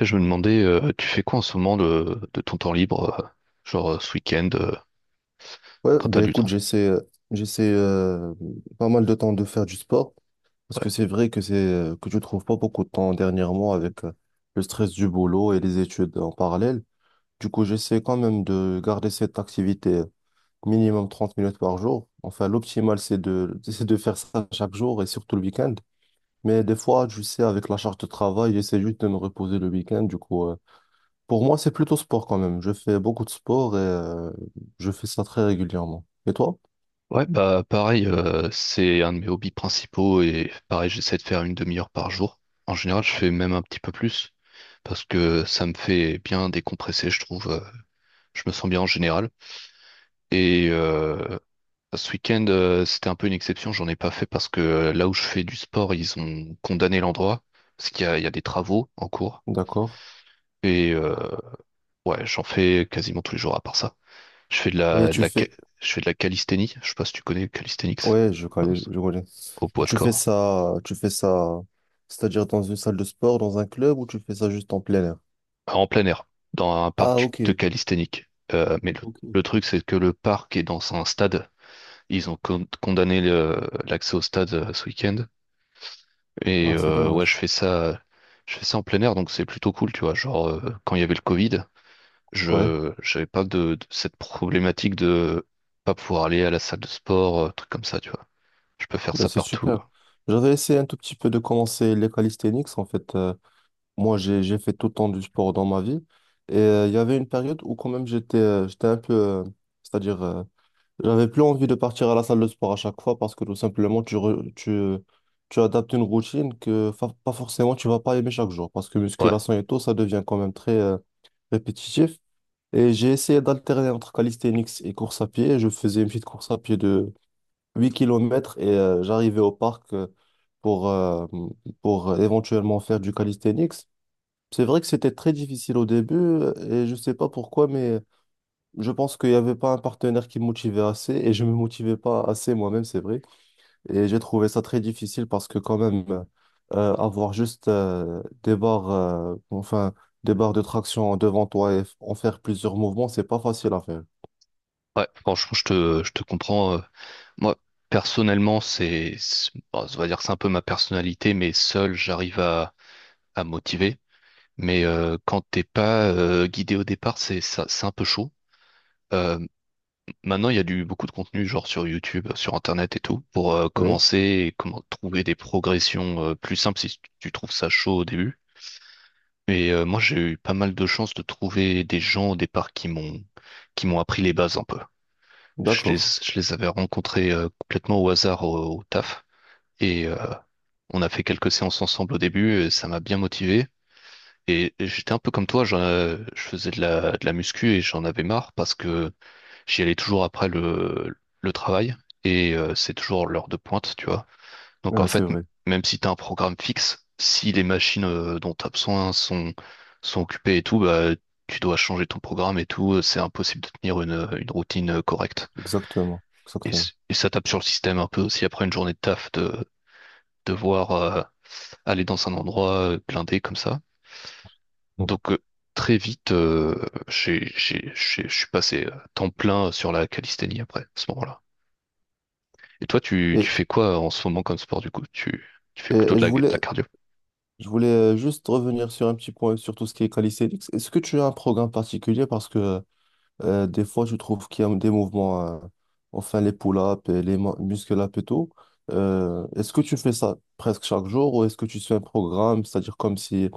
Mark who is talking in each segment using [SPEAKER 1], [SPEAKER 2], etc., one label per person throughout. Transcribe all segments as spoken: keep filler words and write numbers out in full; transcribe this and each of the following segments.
[SPEAKER 1] Et Je me demandais, euh, tu fais quoi en ce moment de, de ton temps libre, euh, genre euh, ce week-end, euh,
[SPEAKER 2] Ouais,
[SPEAKER 1] quand t'as
[SPEAKER 2] ben
[SPEAKER 1] du
[SPEAKER 2] écoute,
[SPEAKER 1] temps?
[SPEAKER 2] j'essaie, euh, j'essaie euh, pas mal de temps de faire du sport parce
[SPEAKER 1] Ouais.
[SPEAKER 2] que c'est vrai que c'est euh, que je trouve pas beaucoup de temps dernièrement avec euh, le stress du boulot et les études en parallèle. Du coup, j'essaie quand même de garder cette activité euh, minimum trente minutes par jour. Enfin, l'optimal, c'est de, c'est de faire ça chaque jour et surtout le week-end. Mais des fois, je sais, avec la charge de travail, j'essaie juste de me reposer le week-end. Du coup, euh, pour moi, c'est plutôt sport quand même. Je fais beaucoup de sport et euh, je fais ça très régulièrement. Et toi?
[SPEAKER 1] Ouais, bah pareil, euh, c'est un de mes hobbies principaux et pareil, j'essaie de faire une demi-heure par jour. En général, je fais même un petit peu plus parce que ça me fait bien décompresser, je trouve. Euh, je me sens bien en général. Et euh, ce week-end, euh, c'était un peu une exception, j'en ai pas fait parce que euh, là où je fais du sport, ils ont condamné l'endroit parce qu'il y a, il y a des travaux en cours.
[SPEAKER 2] D'accord.
[SPEAKER 1] Et euh, Ouais, j'en fais quasiment tous les jours à part ça. Je fais de
[SPEAKER 2] Et
[SPEAKER 1] la, de
[SPEAKER 2] tu
[SPEAKER 1] la, ca-
[SPEAKER 2] fais...
[SPEAKER 1] je fais de la calisthénie. Je sais pas si tu connais calisthenics, je
[SPEAKER 2] Ouais, je connais,
[SPEAKER 1] pense.
[SPEAKER 2] je connais.
[SPEAKER 1] Au
[SPEAKER 2] Et
[SPEAKER 1] poids de
[SPEAKER 2] tu fais
[SPEAKER 1] corps.
[SPEAKER 2] ça, tu fais ça, c'est-à-dire dans une salle de sport, dans un club, ou tu fais ça juste en plein air?
[SPEAKER 1] En plein air. Dans un parc
[SPEAKER 2] Ah,
[SPEAKER 1] du-
[SPEAKER 2] ok.
[SPEAKER 1] de calisthénique. Euh, mais le,
[SPEAKER 2] Ok.
[SPEAKER 1] le truc, c'est que le parc est dans un stade. Ils ont con- condamné le- l'accès au stade euh, ce week-end. Et
[SPEAKER 2] Ah, c'est
[SPEAKER 1] euh, ouais, je
[SPEAKER 2] dommage.
[SPEAKER 1] fais ça, je fais ça en plein air, donc c'est plutôt cool, tu vois. Genre, euh, quand il y avait le Covid,
[SPEAKER 2] Ouais,
[SPEAKER 1] je j'avais pas de, de cette problématique de pas pouvoir aller à la salle de sport, euh, truc comme ça, tu vois. Je peux faire
[SPEAKER 2] ben
[SPEAKER 1] ça
[SPEAKER 2] c'est
[SPEAKER 1] partout.
[SPEAKER 2] super. J'avais essayé un tout petit peu de commencer les calisthenics. En fait, euh, moi, j'ai, j'ai fait tout le temps du sport dans ma vie. Et euh, il y avait une période où quand même j'étais euh, j'étais un peu, euh, c'est-à-dire euh, j'avais plus envie de partir à la salle de sport à chaque fois parce que tout simplement, tu, re- tu, tu adaptes une routine que fa- pas forcément tu vas pas aimer chaque jour parce que
[SPEAKER 1] Ouais,
[SPEAKER 2] musculation et tout, ça devient quand même très euh, répétitif. Et j'ai essayé d'alterner entre calisthenics et course à pied. Je faisais une petite course à pied de huit kilomètres et euh, j'arrivais au parc euh, pour, euh, pour éventuellement faire du calisthenics. C'est vrai que c'était très difficile au début euh, et je sais pas pourquoi, mais je pense qu'il n'y avait pas un partenaire qui me motivait assez et je me motivais pas assez moi-même, c'est vrai. Et j'ai trouvé ça très difficile parce que quand même, euh, avoir juste euh, des barres, euh, enfin, des barres de traction devant toi et f- en faire plusieurs mouvements, c'est pas facile à faire.
[SPEAKER 1] ouais, franchement, je te, je te comprends. euh, Moi, personnellement, c'est, c'est- bon, ça va dire que c'est un peu ma personnalité, mais seul, j'arrive à, à motiver. Mais euh, quand t'es pas euh, guidé au départ, c'est ça, c'est un peu chaud. Euh, Maintenant, il y a du beaucoup de contenu, genre sur YouTube, sur Internet et tout, pour euh,
[SPEAKER 2] Oui,
[SPEAKER 1] commencer et comment trouver des progressions euh, plus simples si tu trouves ça chaud au début. Et euh, moi, j'ai eu pas mal de chance de trouver des gens au départ qui m'ont qui m'ont appris les bases un peu. Je les,
[SPEAKER 2] d'accord.
[SPEAKER 1] je les avais rencontrés euh, complètement au hasard au, au taf. Et euh, on a fait quelques séances ensemble au début, et ça m'a bien motivé. Et j'étais un peu comme toi, j'en- euh, je faisais de la, de la muscu et j'en avais marre parce que j'y allais toujours après le, le travail. Et euh, c'est toujours l'heure de pointe, tu vois. Donc en
[SPEAKER 2] Ouais, c'est
[SPEAKER 1] fait, m-
[SPEAKER 2] vrai.
[SPEAKER 1] même si tu as un programme fixe, si les machines euh, dont tu as besoin sont, sont occupées et tout, bah, tu dois changer ton programme et tout, euh, c'est impossible de tenir une, euh, une routine euh, correcte.
[SPEAKER 2] Exactement.
[SPEAKER 1] Et,
[SPEAKER 2] Exactement.
[SPEAKER 1] c- et ça tape sur le système un peu aussi après une journée de taf de devoir euh, aller dans un endroit euh, blindé comme ça. Donc euh, très vite, euh, j'ai, j'ai, j'ai- je suis passé euh, temps plein sur la calisthénie après, à ce moment-là. Et toi, tu, tu
[SPEAKER 2] Et,
[SPEAKER 1] fais quoi en ce moment comme sport du coup? Tu, tu fais
[SPEAKER 2] et-
[SPEAKER 1] plutôt
[SPEAKER 2] et
[SPEAKER 1] de
[SPEAKER 2] je
[SPEAKER 1] la, de la
[SPEAKER 2] voulais,
[SPEAKER 1] cardio?
[SPEAKER 2] je voulais euh, juste revenir sur un petit point, sur tout ce qui est calisthenics. Est-ce que tu as un programme particulier? Parce que euh, des fois, je trouve qu'il y a des mouvements, euh, enfin les pull-ups et les mu- muscle-ups et tout. Euh, est-ce que tu fais ça presque chaque jour ou est-ce que tu suis un programme, c'est-à-dire comme si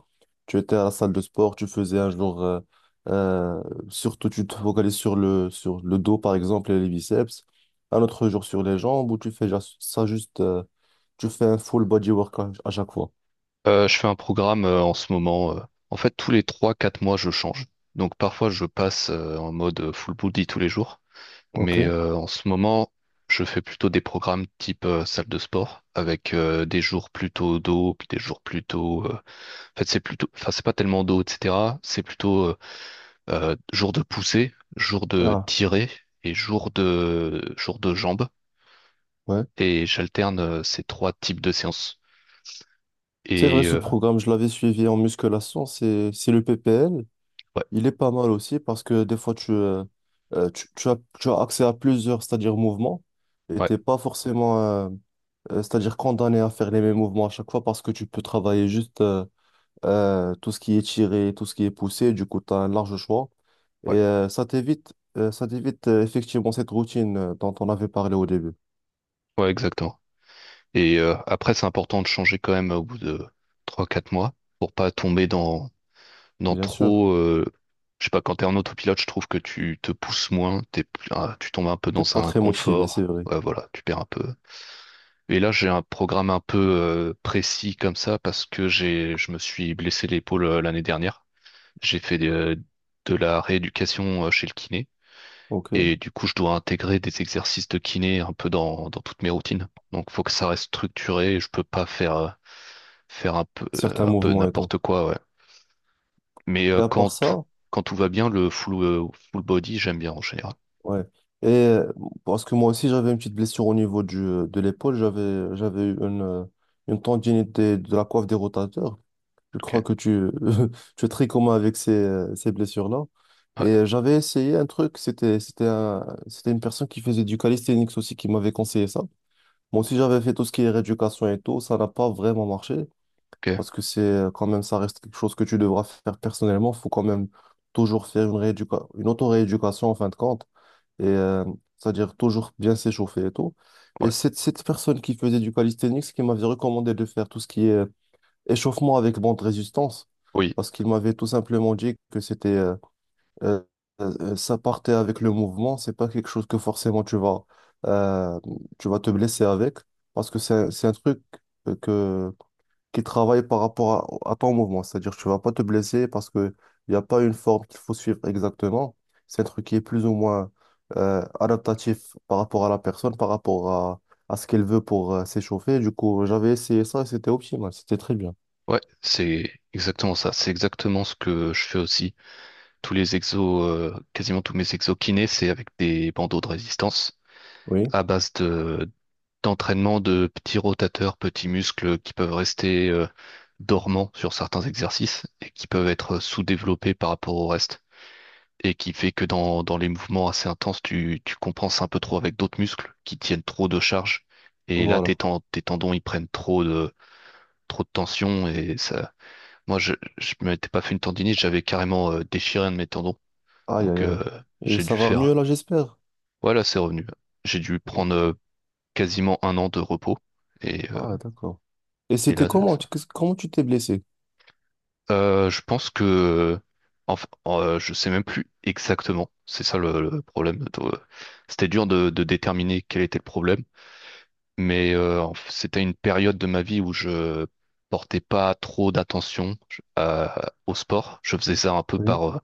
[SPEAKER 2] tu étais à la salle de sport, tu faisais un jour, euh, euh, surtout tu te focalises sur le, sur le dos par exemple et les biceps, un autre jour sur les jambes ou tu fais ja- ça juste, euh, tu fais un full body workout à chaque fois.
[SPEAKER 1] Euh, je fais un programme euh, en ce moment. Euh, en fait, tous les trois-quatre mois, je change. Donc parfois, je passe euh, en mode euh, full body tous les jours.
[SPEAKER 2] Ok.
[SPEAKER 1] Mais euh, en ce moment, je fais plutôt des programmes type euh, salle de sport, avec euh, des jours plutôt dos, puis des jours plutôt... euh, En fait, c'est plutôt... Enfin, c'est pas tellement dos, et cetera. C'est plutôt euh, euh, jour de poussée, jour de
[SPEAKER 2] Ah,
[SPEAKER 1] tirer et jour de, jour de jambes.
[SPEAKER 2] ouais.
[SPEAKER 1] Et j'alterne euh, ces trois types de séances.
[SPEAKER 2] C'est vrai,
[SPEAKER 1] Et
[SPEAKER 2] ce
[SPEAKER 1] euh,
[SPEAKER 2] programme, je l'avais suivi en musculation, c'est c'est le P P L.
[SPEAKER 1] ouais,
[SPEAKER 2] Il est pas mal aussi parce que des fois, tu, euh, euh, tu, tu as, tu as accès à plusieurs, c'est-à-dire mouvements, et
[SPEAKER 1] ouais,
[SPEAKER 2] t'es pas forcément, euh, euh, c'est-à-dire condamné à faire les mêmes mouvements à chaque fois parce que tu peux travailler juste euh, euh, tout ce qui est tiré, tout ce qui est poussé, du coup, tu as un large choix. Et
[SPEAKER 1] ouais,
[SPEAKER 2] euh, ça t'évite, euh, ça t'évite euh, effectivement cette routine euh, dont on avait parlé au début.
[SPEAKER 1] ouais, exactement. Et euh, après, c'est important de changer quand même au bout de trois quatre mois pour pas tomber dans, dans
[SPEAKER 2] Bien sûr,
[SPEAKER 1] trop. Euh, je sais pas, quand t'es en autopilote, je trouve que tu te pousses moins, t'es, plus- ah, tu tombes un peu
[SPEAKER 2] t'es
[SPEAKER 1] dans
[SPEAKER 2] pas
[SPEAKER 1] un
[SPEAKER 2] très motivé, c'est
[SPEAKER 1] confort.
[SPEAKER 2] vrai.
[SPEAKER 1] Ouais, voilà, tu perds un peu. Et là, j'ai un programme un peu euh, précis comme ça parce que j'ai, je me suis blessé l'épaule euh, l'année dernière. J'ai fait de, de la rééducation euh, chez le kiné.
[SPEAKER 2] Ok,
[SPEAKER 1] Et du coup, je dois intégrer des exercices de kiné un peu dans, dans toutes mes routines. Donc, faut que ça reste structuré. Je peux pas faire. Euh, faire un peu,
[SPEAKER 2] certains
[SPEAKER 1] euh, un peu
[SPEAKER 2] mouvements et tout.
[SPEAKER 1] n'importe quoi, ouais. Mais euh,
[SPEAKER 2] Mais à
[SPEAKER 1] quand
[SPEAKER 2] part
[SPEAKER 1] tout,
[SPEAKER 2] ça,
[SPEAKER 1] quand tout va bien, le full, euh, full body, j'aime bien en général.
[SPEAKER 2] ouais. Et euh, parce que moi aussi, j'avais une petite blessure au niveau du, euh, de l'épaule. J'avais, j'avais eu une, euh, une tendinite des- de, la coiffe des rotateurs. Je
[SPEAKER 1] Ok,
[SPEAKER 2] crois que tu, tu es très commun avec ces, euh, ces blessures-là. Et
[SPEAKER 1] ouais,
[SPEAKER 2] euh, j'avais essayé un truc. C'était, c'était un- c'était une personne qui faisait du calisthenics aussi qui m'avait conseillé ça. Moi aussi, j'avais fait tout ce qui est rééducation et tout. Ça n'a pas vraiment marché
[SPEAKER 1] ok,
[SPEAKER 2] parce que c'est euh, quand même, ça reste quelque chose que tu devras faire personnellement. Il faut quand même toujours faire une rééducation, une auto-rééducation en fin de compte et euh, c'est-à-dire toujours bien s'échauffer et tout. Et
[SPEAKER 1] ouais,
[SPEAKER 2] c'est cette personne qui faisait du calisthenics qui m'avait recommandé de faire tout ce qui est euh, échauffement avec bande résistance,
[SPEAKER 1] oui,
[SPEAKER 2] parce qu'il m'avait tout simplement dit que c'était euh, euh, euh, ça partait avec le mouvement, c'est pas quelque chose que forcément tu vas euh, tu vas te blesser avec, parce que c'est c'est un truc euh, que qui travaille par rapport à, à ton mouvement. C'est-à-dire que tu vas pas te blesser parce que il n'y a pas une forme qu'il faut suivre exactement. C'est un truc qui est plus ou moins euh, adaptatif par rapport à la personne, par rapport à, à ce qu'elle veut pour euh, s'échauffer. Du coup, j'avais essayé ça et c'était optimal, c'était très bien.
[SPEAKER 1] ouais, c'est exactement ça. C'est exactement ce que je fais aussi. Tous les exos, euh, quasiment tous mes exos kinés, c'est avec des bandeaux de résistance
[SPEAKER 2] Oui,
[SPEAKER 1] à base de d'entraînement de petits rotateurs, petits muscles qui peuvent rester euh, dormants sur certains exercices et qui peuvent être sous-développés par rapport au reste, et qui fait que dans, dans les mouvements assez intenses, tu, tu compenses un peu trop avec d'autres muscles qui tiennent trop de charge. Et là, tes,
[SPEAKER 2] voilà.
[SPEAKER 1] ten- tes tendons, ils prennent trop de, trop de tension. Et ça, moi, je, je m'étais pas fait une tendinite, j'avais carrément euh, déchiré un de mes tendons.
[SPEAKER 2] Aïe,
[SPEAKER 1] Donc,
[SPEAKER 2] aïe, aïe.
[SPEAKER 1] euh,
[SPEAKER 2] Et
[SPEAKER 1] j'ai dû
[SPEAKER 2] ça va mieux
[SPEAKER 1] faire.
[SPEAKER 2] là, j'espère.
[SPEAKER 1] Voilà, c'est revenu. J'ai dû
[SPEAKER 2] Oui.
[SPEAKER 1] prendre euh, quasiment un an de repos. Et, euh,
[SPEAKER 2] Ah, d'accord. Et
[SPEAKER 1] et
[SPEAKER 2] c'était
[SPEAKER 1] là, là,
[SPEAKER 2] comment? Tu-
[SPEAKER 1] ça.
[SPEAKER 2] qu'est-ce- Comment tu t'es blessé?
[SPEAKER 1] Euh, je pense que. Euh, Enfin, euh, je sais même plus exactement. C'est ça le, le problème. Euh, C'était dur de de déterminer quel était le problème. Mais euh, en f- c'était une période de ma vie où je portais pas trop d'attention je- à- au sport. Je faisais ça un peu
[SPEAKER 2] Oui,
[SPEAKER 1] par, euh,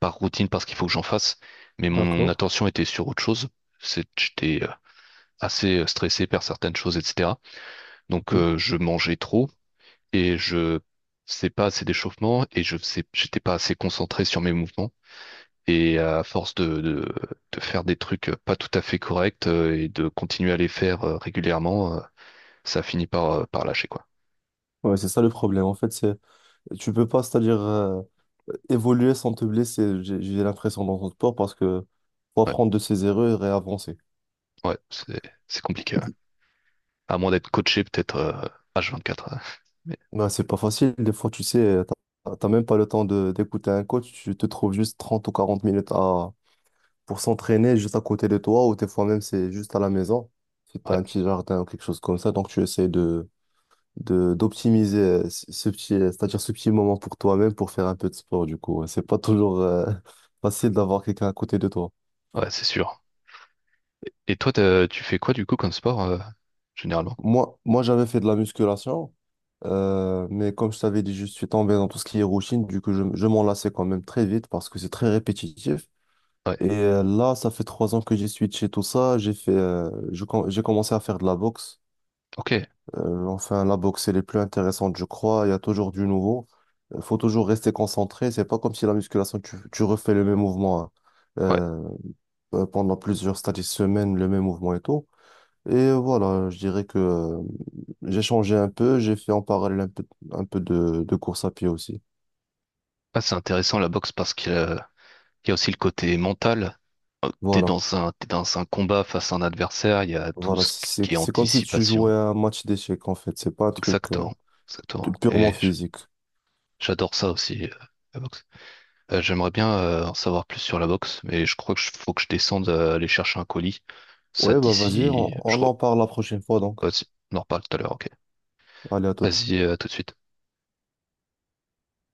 [SPEAKER 1] par routine parce qu'il faut que j'en fasse. Mais mon mon
[SPEAKER 2] d'accord.
[SPEAKER 1] attention était sur autre chose. C'est- J'étais euh, assez euh, stressé par certaines choses, et cetera.
[SPEAKER 2] Ok.
[SPEAKER 1] Donc euh, je mangeais trop et je faisais pas assez d'échauffement et je faisais, j'étais pas assez concentré sur mes mouvements. Et à force de, de, de faire des trucs euh, pas tout à fait corrects euh, et de continuer à les faire euh, régulièrement, ça finit par, euh, par lâcher, quoi.
[SPEAKER 2] Ouais, c'est ça le problème. En fait, c'est tu peux pas, c'est-à-dire euh, évoluer sans te blesser, j'ai j'ai l'impression dans ton sport, parce que faut
[SPEAKER 1] Ouais,
[SPEAKER 2] apprendre de ses erreurs et avancer.
[SPEAKER 1] ouais, c'est, c'est compliqué, ouais. À moins d'être coaché peut-être euh, H vingt-quatre. Ouais. Mais
[SPEAKER 2] Bah, c'est pas facile, des fois, tu sais, euh, t'as t'as même pas le temps de d'écouter un coach, tu te trouves juste trente ou quarante minutes à, pour s'entraîner juste à côté de toi, ou des fois même c'est juste à la maison, si t'as
[SPEAKER 1] ouais,
[SPEAKER 2] un petit jardin ou quelque chose comme ça, donc tu essaies de, de, d'optimiser euh, ce ce petit, euh, c'est-à-dire ce petit moment pour toi-même pour faire un peu de sport, du coup. Ouais. C'est pas toujours euh, facile d'avoir quelqu'un à côté de toi.
[SPEAKER 1] ouais, c'est sûr. Et toi, t'as- tu fais quoi du coup comme sport, euh, généralement?
[SPEAKER 2] Moi, moi j'avais fait de la musculation, euh, mais comme je t'avais dit, je suis tombé dans tout ce qui est routine, du coup, je, je m'en lassais quand même très vite parce que c'est très répétitif.
[SPEAKER 1] Ouais,
[SPEAKER 2] Et euh, là, ça fait trois ans que j'ai switché tout ça. J'ai fait, euh, je com- j'ai commencé à faire de la boxe.
[SPEAKER 1] ok,
[SPEAKER 2] Euh, enfin, la boxe, elle est plus intéressante, je crois. Il y a toujours du nouveau. Il faut toujours rester concentré. C'est pas comme si la musculation, tu, tu refais le même mouvement hein,
[SPEAKER 1] ouais.
[SPEAKER 2] euh, euh, pendant plusieurs stades de semaines, le même mouvement et tout. Et voilà, je dirais que euh, j'ai changé un peu, j'ai fait en parallèle un peu, un peu de, de course à pied aussi.
[SPEAKER 1] Ah, c'est intéressant la boxe parce qu'il y a il y a aussi le côté mental. Euh, T'es
[SPEAKER 2] Voilà,
[SPEAKER 1] dans un, t'es dans un combat face à un adversaire, il y a tout
[SPEAKER 2] voilà,
[SPEAKER 1] ce
[SPEAKER 2] c'est,
[SPEAKER 1] qui est
[SPEAKER 2] c'est comme si tu jouais
[SPEAKER 1] anticipation.
[SPEAKER 2] à un match d'échecs en fait, c'est pas un truc euh,
[SPEAKER 1] Exactement, exactement.
[SPEAKER 2] purement
[SPEAKER 1] Et j-
[SPEAKER 2] physique.
[SPEAKER 1] j'adore ça aussi, euh, la boxe. Euh, j'aimerais bien euh, en savoir plus sur la box, mais je crois que je- faut que je descende euh, aller chercher un colis. Ça te
[SPEAKER 2] Ouais,
[SPEAKER 1] dit
[SPEAKER 2] bah vas-y, on,
[SPEAKER 1] si je
[SPEAKER 2] on
[SPEAKER 1] re...
[SPEAKER 2] en parle la prochaine fois donc.
[SPEAKER 1] vas-y, on en reparle tout à l'heure, ok.
[SPEAKER 2] Allez, à toute.
[SPEAKER 1] Vas-y, euh, à tout de suite.